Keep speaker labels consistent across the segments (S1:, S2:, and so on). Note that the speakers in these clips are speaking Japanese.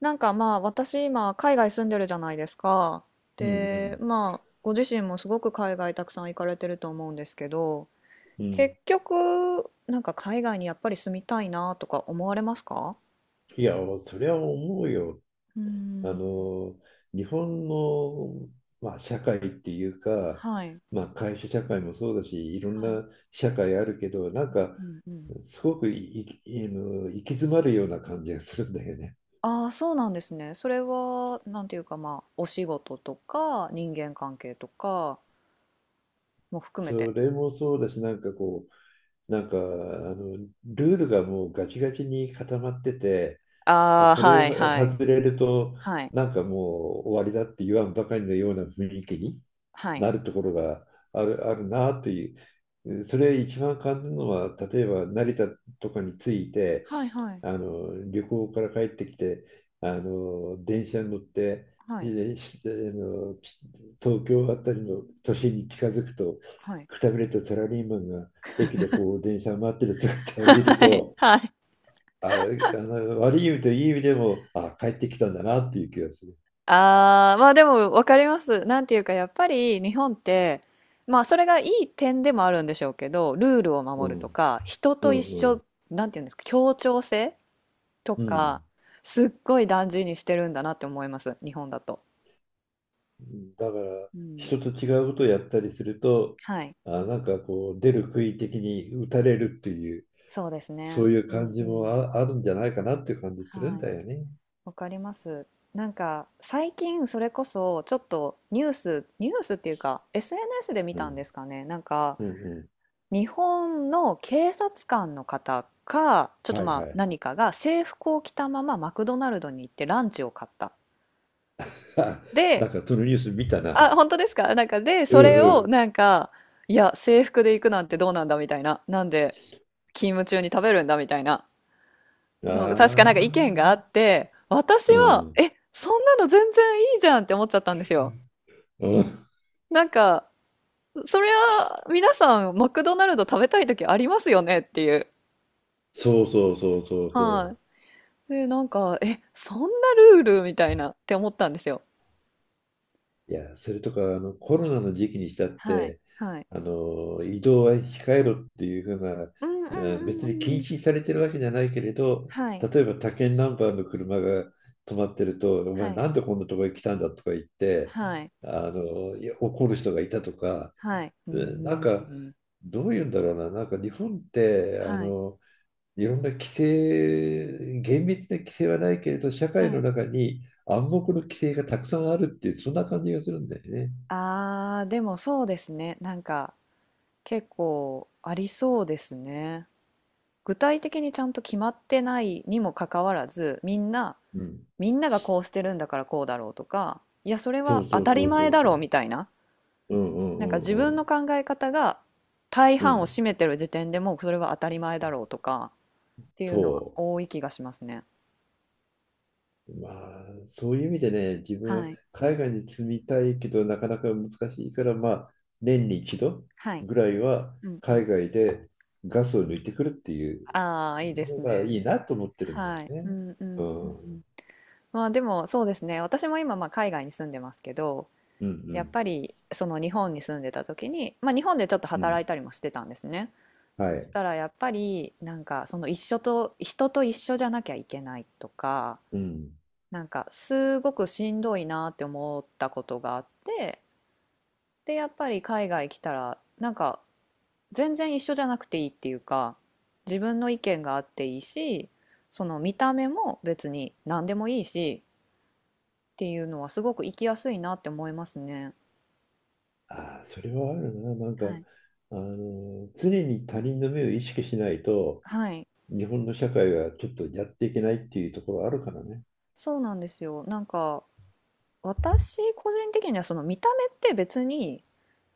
S1: なんかまあ私今海外住んでるじゃないですか。
S2: うんう
S1: で、
S2: ん
S1: まあご自身もすごく海外たくさん行かれてると思うんですけど、
S2: うん。
S1: 結局なんか海外にやっぱり住みたいなとか思われますか？
S2: いや、それは思うよ。
S1: うー
S2: あ
S1: ん、
S2: の、日本の、社会っていうか、
S1: はい、
S2: 会社社会もそうだし、いろん
S1: はい、
S2: な社会あるけど、
S1: うんうん。
S2: すごくいい行き詰まるような感じがするんだよね。
S1: ああ、そうなんですね。それはなんていうかまあお仕事とか人間関係とかも含めて。
S2: それもそうだし、う、なんか、あの、ルールがもうガチガチに固まってて、
S1: ああ、
S2: それを
S1: はいはい。
S2: 外れると、
S1: はい、
S2: なんかもう終わりだって言わんばかりのような雰囲気に
S1: はい。
S2: なるところがあるなっていう、それ一番感じるのは、例えば成田とかに着いて、
S1: はいはい。
S2: あの旅行から帰ってきて、あの電車に乗って、
S1: はい。
S2: あの東京あたりの都心に近づくと、
S1: はい。
S2: くたびれたサラリーマンが駅でこう電車を待ってる姿を見る と、
S1: はい。
S2: あの悪い意味といい意味でも、あ、帰ってきたんだなっていう気がする。
S1: ああ、まあでも分かります。なんていうかやっぱり日本って、まあそれがいい点でもあるんでしょうけど、ルールを
S2: う
S1: 守ると
S2: ん、
S1: か、人
S2: う
S1: と一
S2: ん、う
S1: 緒、
S2: ん、
S1: なんていうんですか、協調性と
S2: う
S1: か、
S2: ん。
S1: すっごい大事にしてるんだなって思います、日本だと。
S2: だから
S1: うん。
S2: 人と違うことをやったりすると
S1: はい。
S2: なんかこう出る杭的に打たれるっていう
S1: そうです
S2: そ
S1: ね。
S2: ういう
S1: う
S2: 感
S1: ん
S2: じ
S1: う
S2: も
S1: ん。
S2: あるんじゃないかなっていう感じするん
S1: はい。
S2: だよね。
S1: わかります。なんか最近それこそちょっとニュースっていうか SNS で見
S2: う
S1: たん
S2: ん、
S1: ですかね。なんか
S2: うん、うん。
S1: 日本の警察官の方か、ちょっと
S2: はい
S1: ま
S2: は
S1: あ
S2: い。
S1: 何かが制服を着たままマクドナルドに行ってランチを買った。
S2: な
S1: で、
S2: んかそのニュース見たな。
S1: あ、本当ですか、なんかで、
S2: う
S1: それを
S2: ん
S1: なんか、いや、制服で行くなんてどうなんだみたいな。なんで勤務中に食べるんだみたいな
S2: うん。
S1: の、確かなん
S2: あ
S1: か意見があっ
S2: あ。
S1: て、私
S2: う
S1: は、
S2: ん。
S1: え、そんなの全然いいじゃんって思っちゃったんですよ。
S2: うん。
S1: なんか、そりゃ、皆さん、マクドナルド食べたい時ありますよねっていう。
S2: そうそうそうそうそう。
S1: はい、で、なんか、え、そんなルールみたいなって思ったんですよ。
S2: いや、それとか、コロナの時期にしたっ
S1: はい、
S2: て、
S1: はい。
S2: 移動は控えろっていうふうな、
S1: うんうんうん
S2: 別
S1: う
S2: に
S1: ん
S2: 禁
S1: うん。
S2: 止されてるわけじゃないけれど、
S1: はい、
S2: 例えば他県ナンバーの車が止まってると、お前
S1: はい、
S2: なんでこんなとこへ来たんだとか言って、
S1: はい、
S2: いや怒る人がいたとか、
S1: はい。う
S2: う
S1: ん
S2: んなん
S1: うん
S2: か、
S1: うん。
S2: どういうんだろうな、なんか日本って、
S1: はい、
S2: いろんな規制、厳密な規制はないけれど、社会
S1: は
S2: の
S1: い。
S2: 中に暗黙の規制がたくさんあるっていう、そんな感じがするんだよね。
S1: ああ、でもそうですね。なんか、結構ありそうですね。具体的にちゃんと決まってないにもかかわらず、みんな、
S2: うん。
S1: みんながこうしてるんだからこうだろうとか、いや、それ
S2: そ
S1: は
S2: うそ
S1: 当
S2: う
S1: た
S2: そ
S1: り
S2: うそ
S1: 前
S2: う
S1: だ
S2: そ
S1: ろう
S2: う。
S1: みたいな。
S2: うんうん
S1: なんか自
S2: うん
S1: 分
S2: う
S1: の
S2: ん。
S1: 考え方が大
S2: う
S1: 半を
S2: ん。
S1: 占めてる時点でもうそれは当たり前だろうとかっていうのは
S2: そ
S1: 多い気がしますね。
S2: う。まあ、そういう意味でね、自分は
S1: はい。
S2: 海外に住みたいけど、なかなか難しいから、まあ、年に一度
S1: はい。
S2: ぐらいは
S1: うんうん。
S2: 海外でガスを抜いてくるっていう
S1: ああ、いいで
S2: の
S1: す
S2: がいい
S1: ね。
S2: なと思ってるんだよ
S1: はい。う
S2: ね。
S1: んう
S2: う
S1: んうんう
S2: ん。うん
S1: ん。まあでもそうですね。私も今まあ海外に住んでますけど、
S2: う
S1: やっ
S2: ん。
S1: ぱりその日本に住んでた時に、まあ日本でちょっと
S2: う
S1: 働
S2: ん。
S1: いたりもしてたんですね。
S2: は
S1: そし
S2: い。
S1: たらやっぱりなんかその一緒と、人と一緒じゃなきゃいけないとか、
S2: うん。
S1: なんかすごくしんどいなって思ったことがあって、でやっぱり海外来たらなんか全然一緒じゃなくていいっていうか、自分の意見があっていいし、その見た目も別に何でもいいしっていうのはすごく生きやすいなって思いますね。
S2: ああ、それはあるな。
S1: はい。
S2: 常に他人の目を意識しないと、
S1: はい、
S2: 日本の社会がちょっとやっていけないっていうところあるからね。
S1: そうなんですよ。なんか私個人的にはその見た目って別に、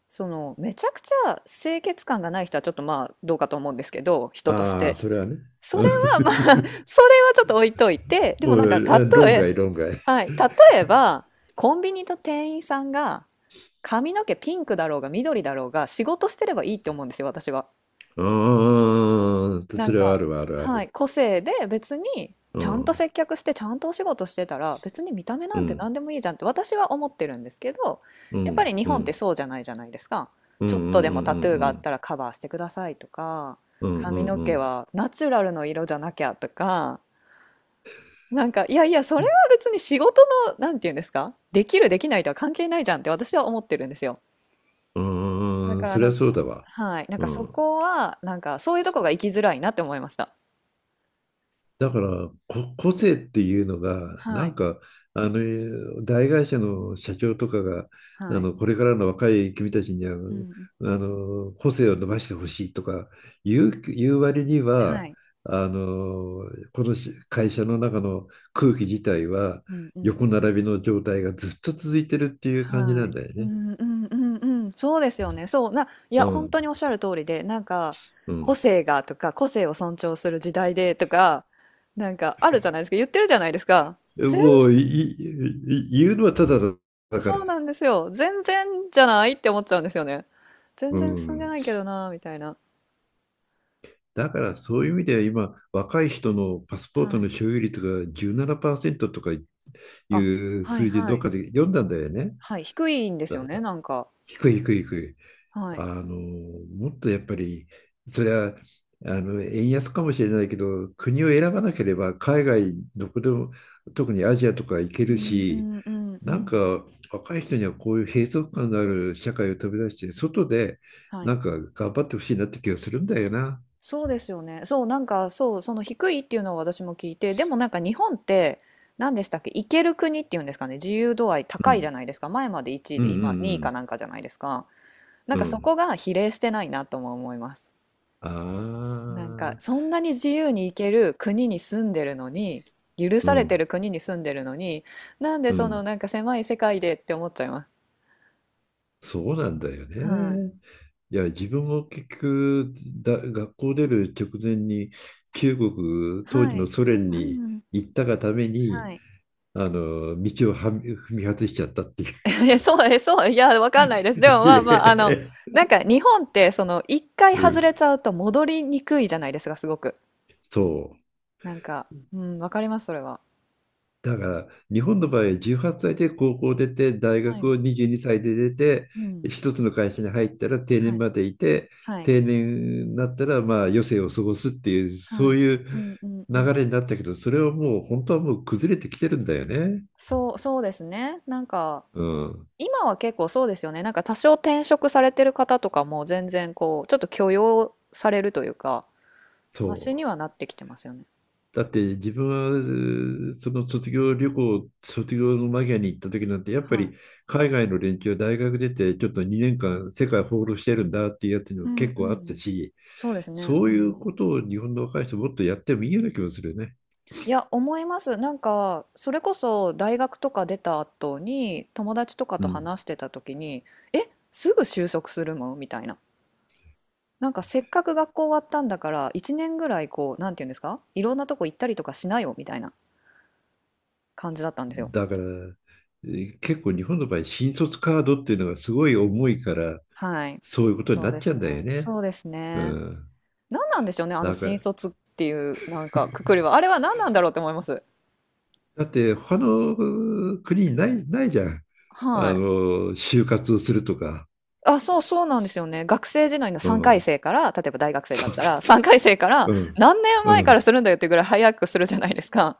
S1: そのめちゃくちゃ清潔感がない人はちょっとまあどうかと思うんですけど、人とし
S2: ああ、
S1: て。
S2: それはね。
S1: それ
S2: う
S1: はまあ、それは
S2: ん。
S1: ちょっと置いといて、でも
S2: おい
S1: なん
S2: おい
S1: か
S2: え論外、論外。
S1: はい、例えば、コンビニと店員さんが髪の毛ピンクだろうが緑だろうが仕事してればいいって思うんですよ、私は。
S2: うん、
S1: な
S2: そ
S1: ん
S2: れはあ
S1: か、
S2: るわ、あるあ
S1: はい、
S2: る。
S1: 個性で別に
S2: う
S1: ちゃんと
S2: ん、
S1: 接客してちゃんとお仕事してたら別に見た目な
S2: う
S1: んて
S2: ん、
S1: 何でもいいじゃんって私は思ってるんですけど、
S2: う
S1: やっぱ
S2: ん、
S1: り日
S2: う
S1: 本って
S2: ん、
S1: そうじゃないじゃないですか。
S2: うん、
S1: ち
S2: う
S1: ょっ
S2: ん、うん、う
S1: とでもタトゥーがあっ
S2: ん、
S1: たらカバーしてくださいとか、
S2: うん、う
S1: 髪
S2: ん、
S1: の
S2: うん、う
S1: 毛
S2: ん、
S1: はナチュラルの色じゃなきゃとか、なんか、いやいや、それは別に仕事の、なんていうんですか、できる、できないとは関係ないじゃんって私は思ってるんですよ。
S2: う
S1: だ
S2: んうん、
S1: から、
S2: それ
S1: な
S2: は
S1: んか、
S2: そうだわ。
S1: はい、なん
S2: う
S1: かそ
S2: ん。
S1: こは、なんか、そういうとこが生きづらいなって思いました。
S2: だから、個性っていうのが、
S1: はい、
S2: 大会社の社長とかが、
S1: はい、
S2: これからの若い君たちには、
S1: うん、
S2: 個性を伸ばしてほしいとか言う割に
S1: は
S2: は、
S1: い、
S2: この会社の中の空気自体は、
S1: うん、うん、
S2: 横並びの状態がずっと続いてるっていう感じ
S1: は
S2: な
S1: い、
S2: んだよ
S1: う
S2: ね。
S1: ん、うん、うん、うん、そうですよね。そう、いや、
S2: う
S1: 本
S2: ん。
S1: 当におっしゃる通りで、なんか、
S2: う
S1: 個
S2: ん。
S1: 性がとか、個性を尊重する時代でとか、なんか、あるじゃないですか、言ってるじゃないですか。
S2: もう、い言うのはただだか
S1: そ
S2: ら。
S1: うなんですよ。全然じゃないって思っちゃうんですよね。全
S2: う
S1: 然進んで
S2: ん。
S1: ないけどな、みたいな。
S2: だからそういう意味では今、若い人のパスポート
S1: は
S2: の
S1: い。
S2: 所有率が17%とかい
S1: あ、
S2: う
S1: はい
S2: 数字
S1: は
S2: どっ
S1: い。
S2: かで読んだんだよね。
S1: はい、低いんですよ
S2: だ
S1: ね、
S2: だ
S1: なんか。
S2: 低い低い低い。
S1: はい。
S2: あの、もっとやっぱり、それは円安かもしれないけど、国を選ばなければ海外どこでも、特にアジアとか行け
S1: う
S2: る
S1: んう
S2: し、
S1: んうんう
S2: なん
S1: ん。
S2: か若い人にはこういう閉塞感のある社会を飛び出して、外で
S1: はい。
S2: 頑張ってほしいなって気がするんだよな。
S1: そうですよね。そう、なんか、そう、その低いっていうのを私も聞いて、でもなんか日本って、何でしたっけ、行ける国っていうんですかね、自由度合い
S2: う
S1: 高いじゃ
S2: ん。
S1: ないですか。前まで1位
S2: うん
S1: で、
S2: う
S1: 今2位か
S2: ん
S1: なんかじゃないですか。なん
S2: うん。
S1: か
S2: う
S1: そ
S2: ん。
S1: こが比例してないなとも思います。
S2: あ
S1: なんか
S2: あ、
S1: そんなに自由に行ける国に住んでるのに、許
S2: う
S1: されて
S2: ん、
S1: る国に住んでるのに、なんで
S2: う
S1: その
S2: ん。
S1: なんか狭い世界でって思っちゃいます。
S2: そうなんだよ
S1: はい。
S2: ね。いや、自分も結局、学校出る直前に、当時
S1: は
S2: の
S1: い。
S2: ソ
S1: う
S2: 連
S1: んうん
S2: に
S1: うん。
S2: 行ったがために、
S1: はい。
S2: 道を踏み外しちゃったっていう。
S1: え、そう、え、そう、いや、わかんないです。でも ま
S2: い
S1: あまあ、あの、
S2: え
S1: なんか日本ってその一回
S2: う
S1: 外
S2: ん、
S1: れちゃうと戻りにくいじゃないですか、すごく。
S2: そう。
S1: なんか、うん、わかります、それは。
S2: だから日本の場合18歳で高校を出て大
S1: は
S2: 学
S1: い。
S2: を22歳で出て
S1: うん。
S2: 一つの会社に入ったら定
S1: は
S2: 年
S1: い。
S2: までいて
S1: はい。
S2: 定年になったらまあ余生を過ごすっていう
S1: は
S2: そう
S1: い。
S2: いう
S1: うんうんうん。
S2: 流れになったけど、それはもう本当はもう崩れてきてるんだよね。
S1: そうですね。なんか、
S2: うん、
S1: 今は結構そうですよね。なんか多少転職されてる方とかも全然こう、ちょっと許容されるというか、
S2: そ
S1: マシ
S2: う。
S1: にはなってきてますよね。
S2: だって自分はその卒業の間際に行った時なんて、やっぱ
S1: はい。
S2: り海外の連中は大学出てちょっと2年間世界放浪してるんだっていうやつに
S1: う
S2: も
S1: んう
S2: 結構あった
S1: ん。
S2: し、
S1: そうですね。
S2: そう
S1: う
S2: いう
S1: ん。
S2: ことを日本の若い人もっとやってもいいような気もするよね。
S1: いや、思います。なんか、それこそ大学とか出た後に友達とか
S2: う
S1: と
S2: ん。
S1: 話してた時に、え、すぐ就職するのみたいな。なんかせっかく学校終わったんだから1年ぐらいこう、なんていうんですか、いろんなとこ行ったりとかしなよみたいな感じだったんですよ。
S2: だから、結構日本の場合、新卒カードっていうのがすごい重いから、
S1: はい。
S2: そういうことに
S1: そう
S2: なっ
S1: で
S2: ちゃ
S1: す
S2: うんだよ
S1: ね。
S2: ね。
S1: そうです
S2: う
S1: ね。
S2: ん。
S1: 何なんでしょうね、あ
S2: な
S1: の
S2: んか、
S1: 新卒っていうなんかくくりは。あれは何なんだろうって思います。
S2: だって他の国にない、ないじゃん。
S1: はい。
S2: 就活をするとか、
S1: あ、そうそうなんですよね。学生時代の
S2: う
S1: 3回
S2: ん、
S1: 生から、例えば大学生だっ
S2: そう
S1: た
S2: そ
S1: ら、
S2: う
S1: 3
S2: そ
S1: 回生から
S2: うん、
S1: 何年
S2: う
S1: 前から
S2: ん。
S1: するんだよっていうぐらい早くするじゃないですか。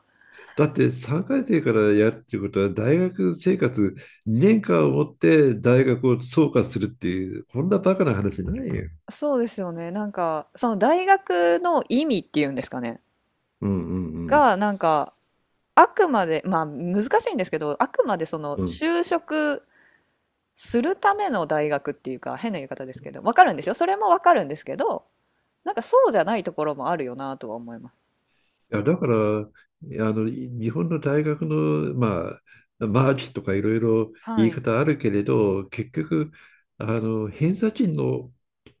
S2: だって3回生からやるっていうことは、大学生活2年間をもって大学を総括するっていう、こんなバカな話ないよ。
S1: そうですよね。なんか、その大学の意味っていうんですかね。
S2: うんうん
S1: が、なんか、あくまで、まあ難しいんですけど、あくまでその
S2: うんうん。
S1: 就職するための大学っていうか、変な言い方ですけど、わかるんですよ。それもわかるんですけど、なんかそうじゃないところもあるよなとは思います。
S2: いや、だから、日本の大学の、まあ、マーチとかいろいろ言
S1: は
S2: い
S1: い。
S2: 方あるけれど、結局、偏差値の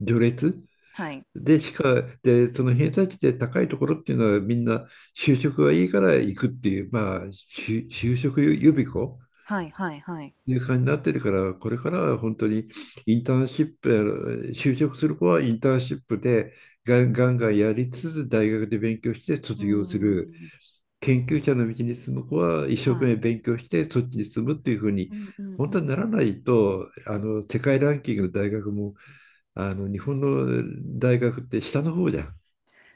S2: 序列、
S1: はい。
S2: で、しか、で、その偏差値で高いところっていうのはみんな就職がいいから行くっていう、まあ、就職予備校
S1: はいはいはい。
S2: っていう感じになってるから、これからは本当にインターンシップ、就職する子はインターンシップでガンガンやりつつ大学で勉強して
S1: うー
S2: 卒業する。
S1: ん。
S2: 研究者の道に進む子は一生
S1: は
S2: 懸命
S1: い。
S2: 勉強してそっちに進むっていうふうに、
S1: うんうんう
S2: 本当に
S1: ん。
S2: ならないと、世界ランキングの大学も、日本の大学って下の方じゃん。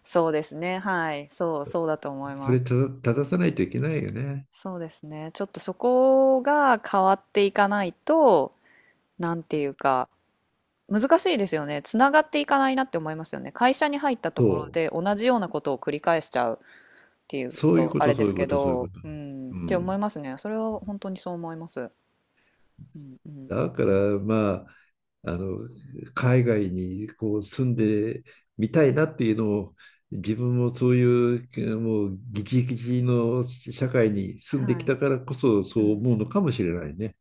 S1: そうですね。はい。そう、そうだと思い
S2: そ
S1: ま
S2: れ
S1: す。
S2: 正さないといけないよね。
S1: そうですね。ちょっとそこが変わっていかないと、なんていうか、難しいですよね。つながっていかないなって思いますよね。会社に入ったところ
S2: そう。
S1: で同じようなことを繰り返しちゃうっていう
S2: そういう
S1: と、
S2: こ
S1: あ
S2: と、
S1: れ
S2: そ
S1: で
S2: うい
S1: す
S2: うこ
S1: け
S2: と、そういうこ
S1: ど、
S2: と。
S1: うん、
S2: う
S1: って思い
S2: ん。
S1: ますね。それは本当にそう思います。うんうん。
S2: だから、まあ、あの、海外にこう住んでみたいなっていうのを、自分もそういう、もう、ギチギチの社会に住んで
S1: は
S2: き
S1: い。
S2: たからこそ、そ
S1: う
S2: う
S1: ん
S2: 思
S1: う
S2: うの
S1: ん、
S2: かもしれないね。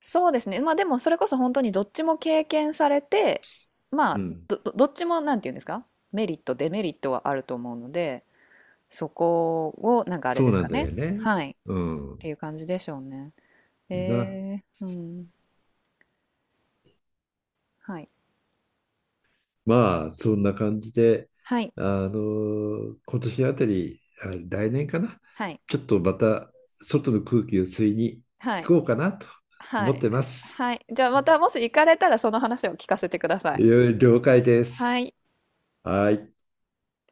S1: そうですね。まあでもそれこそ本当にどっちも経験されて、ま
S2: う
S1: あ
S2: ん。
S1: どっちもなんて言うんですか、メリット、デメリットはあると思うので、そこをなんかあれ
S2: そ
S1: で
S2: う
S1: す
S2: な
S1: か
S2: んだ
S1: ね。
S2: よね。
S1: はい。っ
S2: う
S1: て
S2: ん。
S1: いう感じでしょうね。
S2: な。
S1: うん。はい。
S2: まあ、そんな感じで、
S1: はい。
S2: 今年あたり、来年かな、
S1: はい。
S2: ちょっとまた外の空気を吸いに
S1: は
S2: 行
S1: い。
S2: こうかなと
S1: は
S2: 思っ
S1: い。
S2: てます。
S1: はい。じゃあまたもし行かれたらその話を聞かせてください。
S2: 了解で
S1: は
S2: す。
S1: い。
S2: はい。